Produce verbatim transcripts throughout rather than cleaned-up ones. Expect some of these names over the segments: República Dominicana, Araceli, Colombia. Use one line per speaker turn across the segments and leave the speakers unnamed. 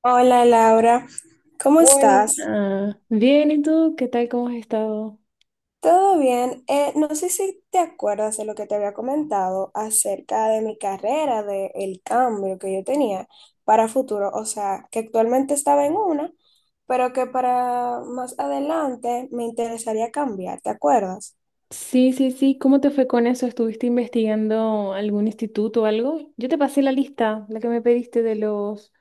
Hola, Laura. ¿Cómo estás?
Hola, bien, ¿y tú? ¿Qué tal? ¿Cómo has estado?
¿Todo bien? Eh, no sé si te acuerdas de lo que te había comentado acerca de mi carrera, del cambio que yo tenía para futuro, o sea, que actualmente estaba en una, pero que para más adelante me interesaría cambiar, ¿te acuerdas?
Sí, sí, sí, ¿cómo te fue con eso? ¿Estuviste investigando algún instituto o algo? Yo te pasé la lista, la que me pediste de los,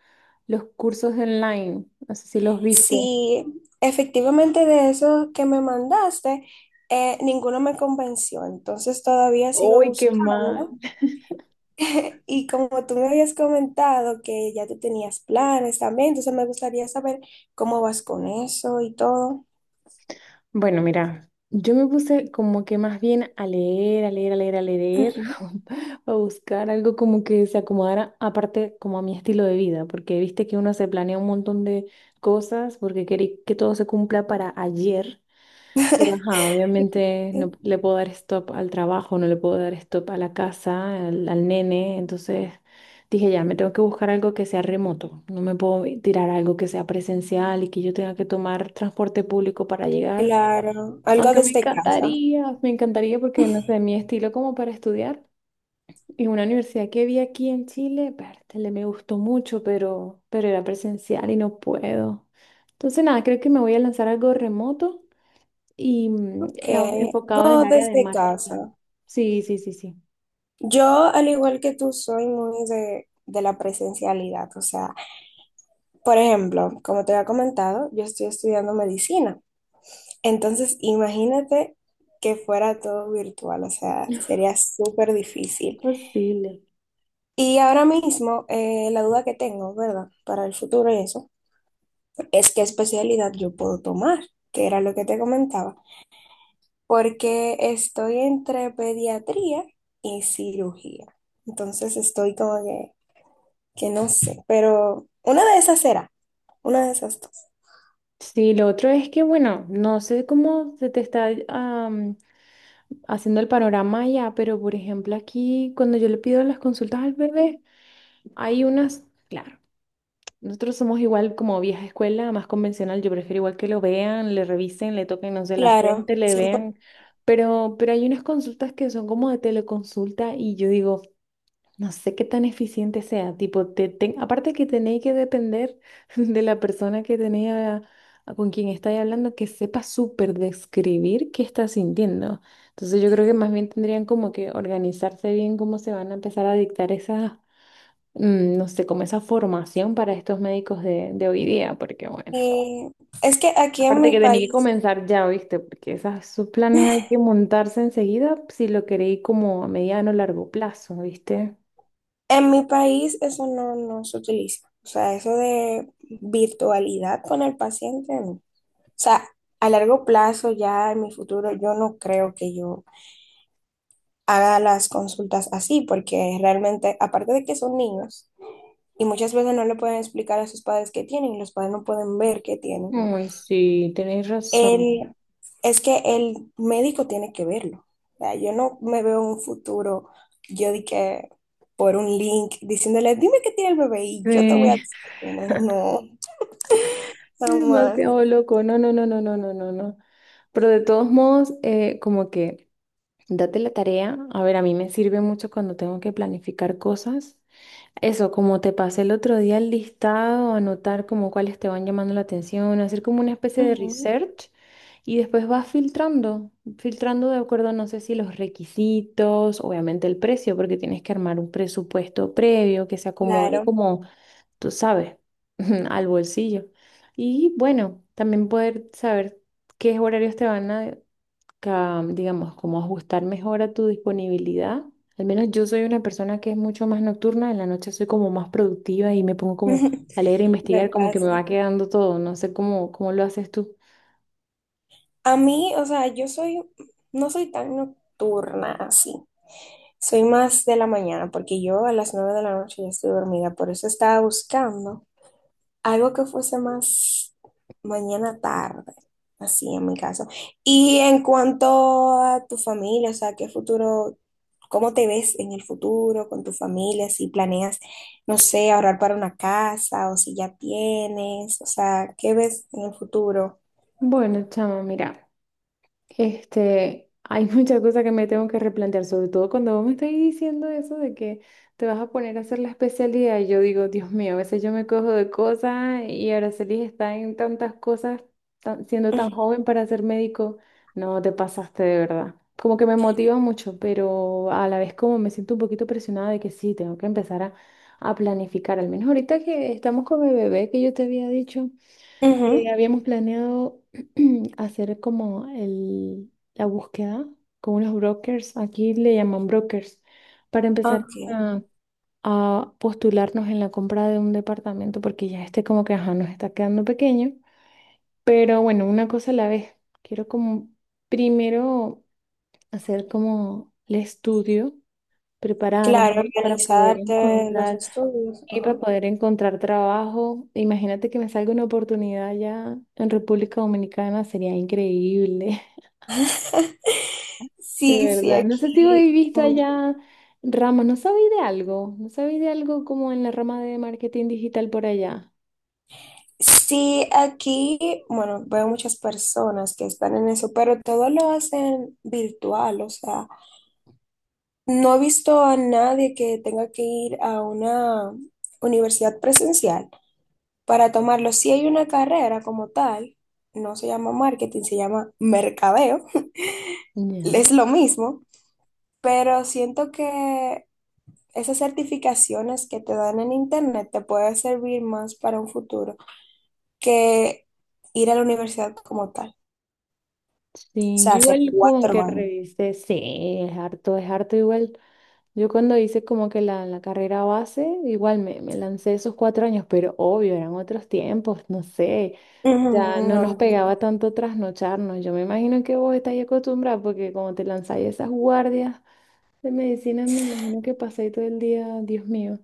los cursos online, no sé si los viste.
Sí, efectivamente de eso que me mandaste, eh, ninguno me convenció, entonces todavía sigo
¡Ay, qué mal!
buscando. Y como tú me habías comentado que ya tú tenías planes también, entonces me gustaría saber cómo vas con eso y todo.
Bueno, mira, yo me puse como que más bien a leer, a leer, a leer, a leer,
Ujú.
a buscar algo como que se acomodara, aparte como a mi estilo de vida, porque viste que uno se planea un montón de cosas porque quiere que todo se cumpla para ayer, pero ajá, obviamente no le puedo dar stop al trabajo, no le puedo dar stop a la casa, al, al nene, entonces dije ya, me tengo que buscar algo que sea remoto, no me puedo tirar a algo que sea presencial y que yo tenga que tomar transporte público para llegar.
Claro, algo
Aunque me
desde casa.
encantaría, me encantaría porque no sé, mi estilo como para estudiar y una universidad que vi aquí en Chile, pértale, me gustó mucho, pero, pero era presencial y no puedo. Entonces nada, creo que me voy a lanzar algo remoto y mm,
Ok,
eh, enfocado en el
no
área de
desde
marketing.
casa.
Sí, sí, sí, sí.
Yo, al igual que tú, soy muy de, de la presencialidad. O sea, por ejemplo, como te había comentado, yo estoy estudiando medicina. Entonces, imagínate que fuera todo virtual. O sea, sería súper difícil.
Posible.
Y ahora mismo, eh, la duda que tengo, ¿verdad? Para el futuro y eso, es qué especialidad yo puedo tomar, que era lo que te comentaba. Porque estoy entre pediatría y cirugía. Entonces, estoy como que que no sé, pero una de esas será, una de esas dos.
Sí, lo otro es que, bueno, no sé cómo se te está am, haciendo el panorama allá, pero por ejemplo aquí cuando yo le pido las consultas al bebé, hay unas, claro. Nosotros somos igual como vieja escuela, más convencional. Yo prefiero igual que lo vean, le revisen, le toquen, no sé, la
Claro,
frente, le
siempre.
vean. Pero, pero hay unas consultas que son como de teleconsulta y yo digo, no sé qué tan eficiente sea. Tipo, te, ten- aparte que tenéis que depender de la persona que tenéis a- a con quien estáis hablando, que sepa súper describir qué está sintiendo. Entonces yo creo que más bien tendrían como que organizarse bien cómo se van a empezar a dictar esas mm, no sé, como esa formación para estos médicos de, de hoy día, porque bueno,
que- Es que aquí en
aparte
mi
que tenía que
país,
comenzar ya, ¿viste? Porque esas, sus planes hay que montarse enseguida si lo queréis como a mediano o largo plazo, ¿viste?
en mi país eso no, no se utiliza. O sea, eso de virtualidad con el paciente, no. O sea, a largo plazo, ya en mi futuro, yo no creo que yo haga las consultas así, porque realmente, aparte de que son niños, y muchas veces no le pueden explicar a sus padres qué tienen, y los padres no pueden ver qué tienen.
Ay, sí, tenéis razón.
Él, es que el médico tiene que verlo. O sea, yo no me veo en un futuro, yo di que por un link diciéndole, "dime qué tiene el bebé y yo te voy a
Sí,
decir qué tiene". No, jamás.
demasiado loco. No, no, no, no, no, no, no, no. Pero de todos modos, eh, como que date la tarea. A ver, a mí me sirve mucho cuando tengo que planificar cosas. Eso, como te pasé el otro día el listado, anotar como cuáles te van llamando la atención, hacer como una especie de
Ujú.
research y después vas filtrando, filtrando de acuerdo, no sé si los requisitos, obviamente el precio, porque tienes que armar un presupuesto previo que se acomode
Claro,
como, tú sabes, al bolsillo. Y bueno, también poder saber qué horarios te van a, ca- digamos, como ajustar mejor a tu disponibilidad. Al menos yo soy una persona que es mucho más nocturna, en la noche soy como más productiva y me pongo como a leer e
me
investigar, como que me
pasa.
va quedando todo, no sé cómo, cómo lo haces tú.
A mí, o sea, yo soy, no soy tan nocturna así. Soy más de la mañana, porque yo a las nueve de la noche ya estoy dormida, por eso estaba buscando algo que fuese más mañana tarde, así en mi caso. Y en cuanto a tu familia, o sea, ¿qué futuro, cómo te ves en el futuro con tu familia? Si planeas, no sé, ahorrar para una casa o si ya tienes, o sea, ¿qué ves en el futuro?
Bueno, chama, mira. Este, hay muchas cosas que me tengo que replantear, sobre todo cuando vos me estáis diciendo eso de que te vas a poner a hacer la especialidad. Y yo digo, Dios mío, a veces yo me cojo de cosas y Araceli está en tantas cosas, tan- siendo tan joven para ser médico. No, te pasaste de verdad. Como que me motiva mucho, pero a la vez como me siento un poquito presionada de que sí, tengo que empezar a, a planificar. Al menos ahorita que estamos con mi bebé, que yo te había dicho. Eh,
Ujú.
habíamos planeado hacer como el, la búsqueda con unos brokers, aquí le llaman brokers, para empezar
Ok.
a, a postularnos en la compra de un departamento, porque ya este como que ajá, nos está quedando pequeño. Pero bueno, una cosa a la vez. Quiero como primero hacer como el estudio,
Claro,
prepararme para poder
organizarte los
encontrar
estudios.
y para
Ajá.
poder encontrar trabajo, imagínate que me salga una oportunidad allá en República Dominicana, sería increíble, de
Sí, sí,
verdad. No sé si
aquí
habéis visto
mucho.
allá ramas, no sabéis de algo, no sabéis de algo como en la rama de marketing digital por allá.
Sí, aquí, bueno, veo muchas personas que están en eso, pero todo lo hacen virtual, o sea, no he visto a nadie que tenga que ir a una universidad presencial para tomarlo. Si hay una carrera como tal, no se llama marketing, se llama mercadeo, es
Ya,
lo mismo, pero siento que esas certificaciones que te dan en internet te pueden servir más para un futuro que ir a la universidad como tal. O
sí,
sea,
yo
hacer
igual como
cuatro
que
años.
revisé, sí, es harto, es harto igual. Yo cuando hice como que la, la carrera base, igual me, me lancé esos cuatro años, pero obvio, eran otros tiempos, no sé. Ya no nos
Ujú.
pegaba tanto trasnocharnos. Yo me imagino que vos estáis acostumbrada porque como te lanzáis esas guardias de medicina, me imagino que pasáis todo el día, Dios mío,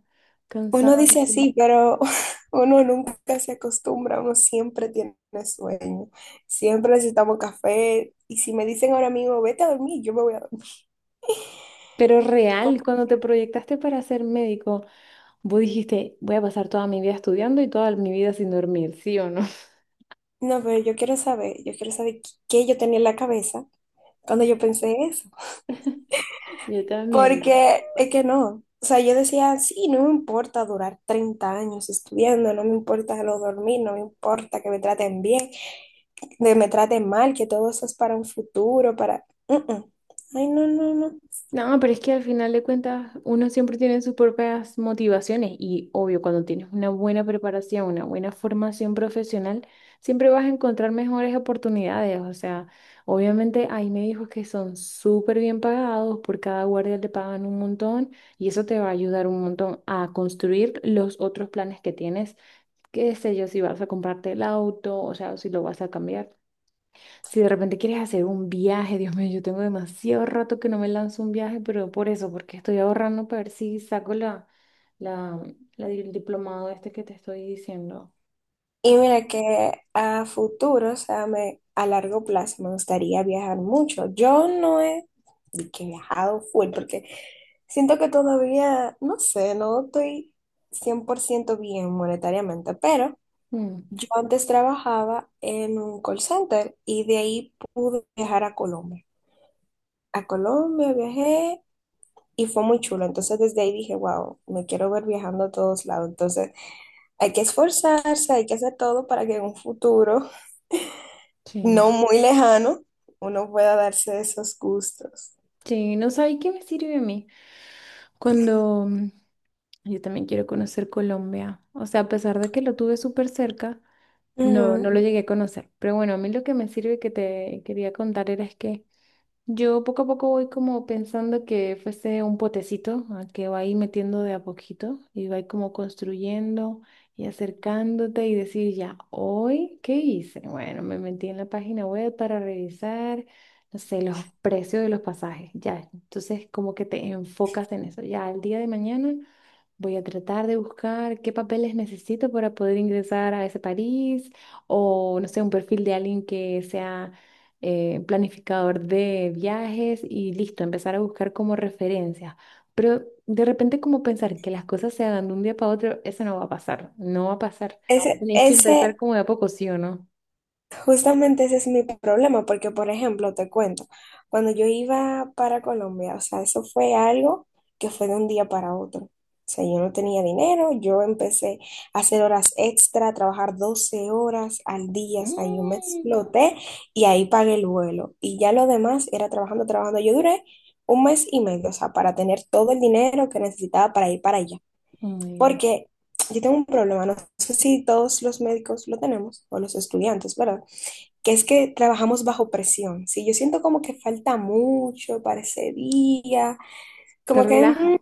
Uno dice
cansante.
así, pero uno nunca se acostumbra, uno siempre tiene sueño, siempre necesitamos café. Y si me dicen ahora mismo, vete a dormir, yo me voy a dormir.
Pero
Co-
real, cuando te proyectaste para ser médico, vos dijiste, voy a pasar toda mi vida estudiando y toda mi vida sin dormir, ¿sí o no?
No, pero yo quiero saber, yo quiero saber qué qué yo tenía en la cabeza cuando yo pensé eso.
Yo también.
Porque es que no. O sea, yo decía, sí, no me importa durar treinta años estudiando, no me importa lo dormir, no me importa que me traten bien, que me traten mal, que todo eso es para un futuro, para... Mm, mm. Ay, no, no, no.
No, pero es que al final de cuentas uno siempre tiene sus propias motivaciones y obvio, cuando tienes una buena preparación, una buena formación profesional, siempre vas a encontrar mejores oportunidades. O sea, obviamente hay médicos que son súper bien pagados, por cada guardia te pagan un montón y eso te va a ayudar un montón a construir los otros planes que tienes, qué sé yo, si vas a comprarte el auto, o sea, si lo vas a cambiar. Si de repente quieres hacer un viaje, Dios mío, yo tengo demasiado rato que no me lanzo un viaje, pero por eso, porque estoy ahorrando para ver si saco la, la, la di- el diplomado este que te estoy diciendo.
Y mira que a futuro, o sea, me, a largo plazo me gustaría viajar mucho. Yo no he de que he viajado full porque siento que todavía, no sé, no estoy cien por ciento bien monetariamente, pero
Mm,
yo antes trabajaba en un call center y de ahí pude viajar a Colombia. A Colombia viajé y fue muy chulo. Entonces desde ahí dije, wow, me quiero ver viajando a todos lados. Entonces hay que esforzarse, hay que hacer todo para que en un futuro no
sí,
muy lejano uno pueda darse esos gustos.
sí, no sabes qué me sirve a mí. Cuando mm, yo también quiero conocer Colombia, o sea, a pesar de que lo tuve súper cerca, no, no
Ujú.
lo llegué a conocer. Pero bueno, a mí lo que me sirve que te quería contar era es que yo poco a poco voy como pensando que fuese un potecito a que va ahí metiendo de a poquito y va ahí como construyendo y acercándote y decir ya, hoy, ¿qué hice? Bueno, me metí en la página web para revisar, no sé, los precios de los pasajes, ya. Entonces como que te enfocas en eso, ya, el día de mañana. Voy a tratar de buscar qué papeles necesito para poder ingresar a ese país o, no sé, un perfil de alguien que sea eh, planificador de viajes y listo, empezar a buscar como referencias. Pero de repente como pensar que las cosas se hagan de un día para otro, eso no va a pasar, no va a pasar.
Ese,
Tenéis que empezar
ese
como de a poco, ¿sí o no?
Justamente ese es mi problema, porque por ejemplo, te cuento, cuando yo iba para Colombia, o sea, eso fue algo que fue de un día para otro. O sea, yo no tenía dinero, yo empecé a hacer horas extra, a trabajar doce horas al día, o sea, yo me
Mm.
exploté y ahí pagué el vuelo. Y ya lo demás era trabajando, trabajando. Yo duré un mes y medio, o sea, para tener todo el dinero que necesitaba para ir para allá.
Oh my God.
Porque yo tengo un problema, no sé si todos los médicos lo tenemos, o los estudiantes, ¿verdad? Que es que trabajamos bajo presión. Si yo siento como que falta mucho para ese día,
Te
como que
relajas.
mm,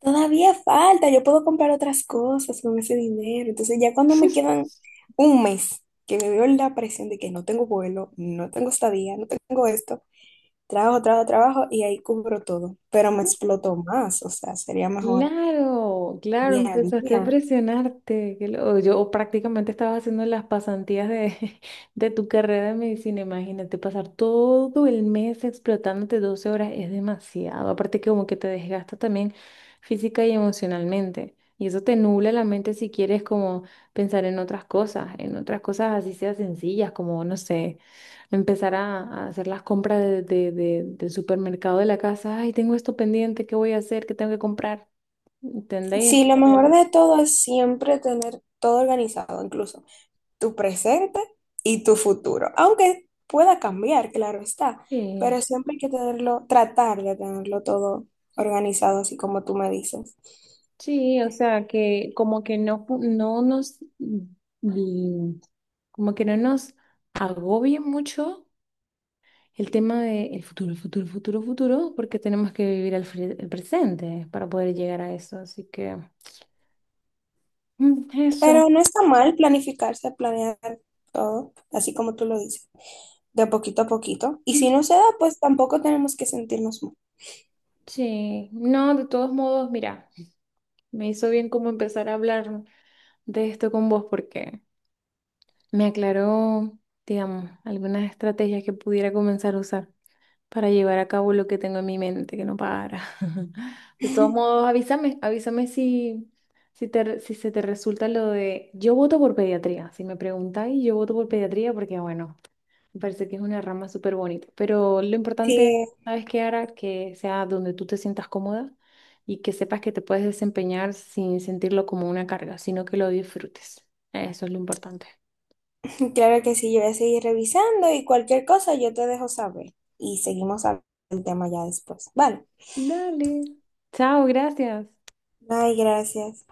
todavía falta, yo puedo comprar otras cosas con ese dinero. Entonces ya cuando me quedan un mes, que me veo en la presión de que no tengo vuelo, no tengo estadía, no tengo esto, trabajo, trabajo, trabajo y ahí cubro todo. Pero me exploto más, o sea, sería mejor
Claro, claro,
día a
empezaste
día.
a presionarte. qué lo- Yo prácticamente estaba haciendo las pasantías de, de tu carrera de medicina. Imagínate, pasar todo el mes explotándote doce horas es demasiado. Aparte que como que te desgasta también física y emocionalmente. Y eso te nubla la mente si quieres como pensar en otras cosas, en otras cosas así sea sencillas, como, no sé, empezar a, a hacer las compras de- de- de- del supermercado de la casa. Ay, tengo esto pendiente, ¿qué voy a hacer? ¿Qué tengo que comprar? ¿Entendéis?
Sí, lo mejor
Entonces,
de todo es siempre tener todo organizado, incluso tu presente y tu futuro. Aunque pueda cambiar, claro está,
sí,
pero siempre hay que tenerlo, tratar de tenerlo todo organizado, así como tú me dices.
sí, o sea, que como que no, pu- no nos, mm, como que no nos agobie mucho el tema de el futuro, futuro, futuro, futuro, porque tenemos que vivir el, fre- el presente para poder llegar a eso. Así que, mm, eso.
Pero no está mal planificarse, planear todo, así como tú lo dices, de poquito a poquito. Y si no se da, pues tampoco tenemos que sentirnos mal.
Sí, no, de todos modos, mira, me hizo bien como empezar a hablar de esto con vos porque me aclaró, digamos, algunas estrategias que pudiera comenzar a usar para llevar a cabo lo que tengo en mi mente, que no para. De todos modos, avísame, avísame si, si, te, re- si se te resulta lo de... Yo voto por pediatría, si me preguntáis, yo voto por pediatría porque, bueno, me parece que es una rama súper bonita. Pero lo importante,
Sí,
¿sabes qué, Ara? Que sea donde tú te sientas cómoda y que sepas que te puedes desempeñar sin sentirlo como una carga, sino que lo disfrutes. Eso es lo importante.
claro que sí, yo voy a seguir revisando y cualquier cosa yo te dejo saber. Y seguimos hablando del tema ya después. Vale.
Dale. Chao, gracias.
Ay, gracias.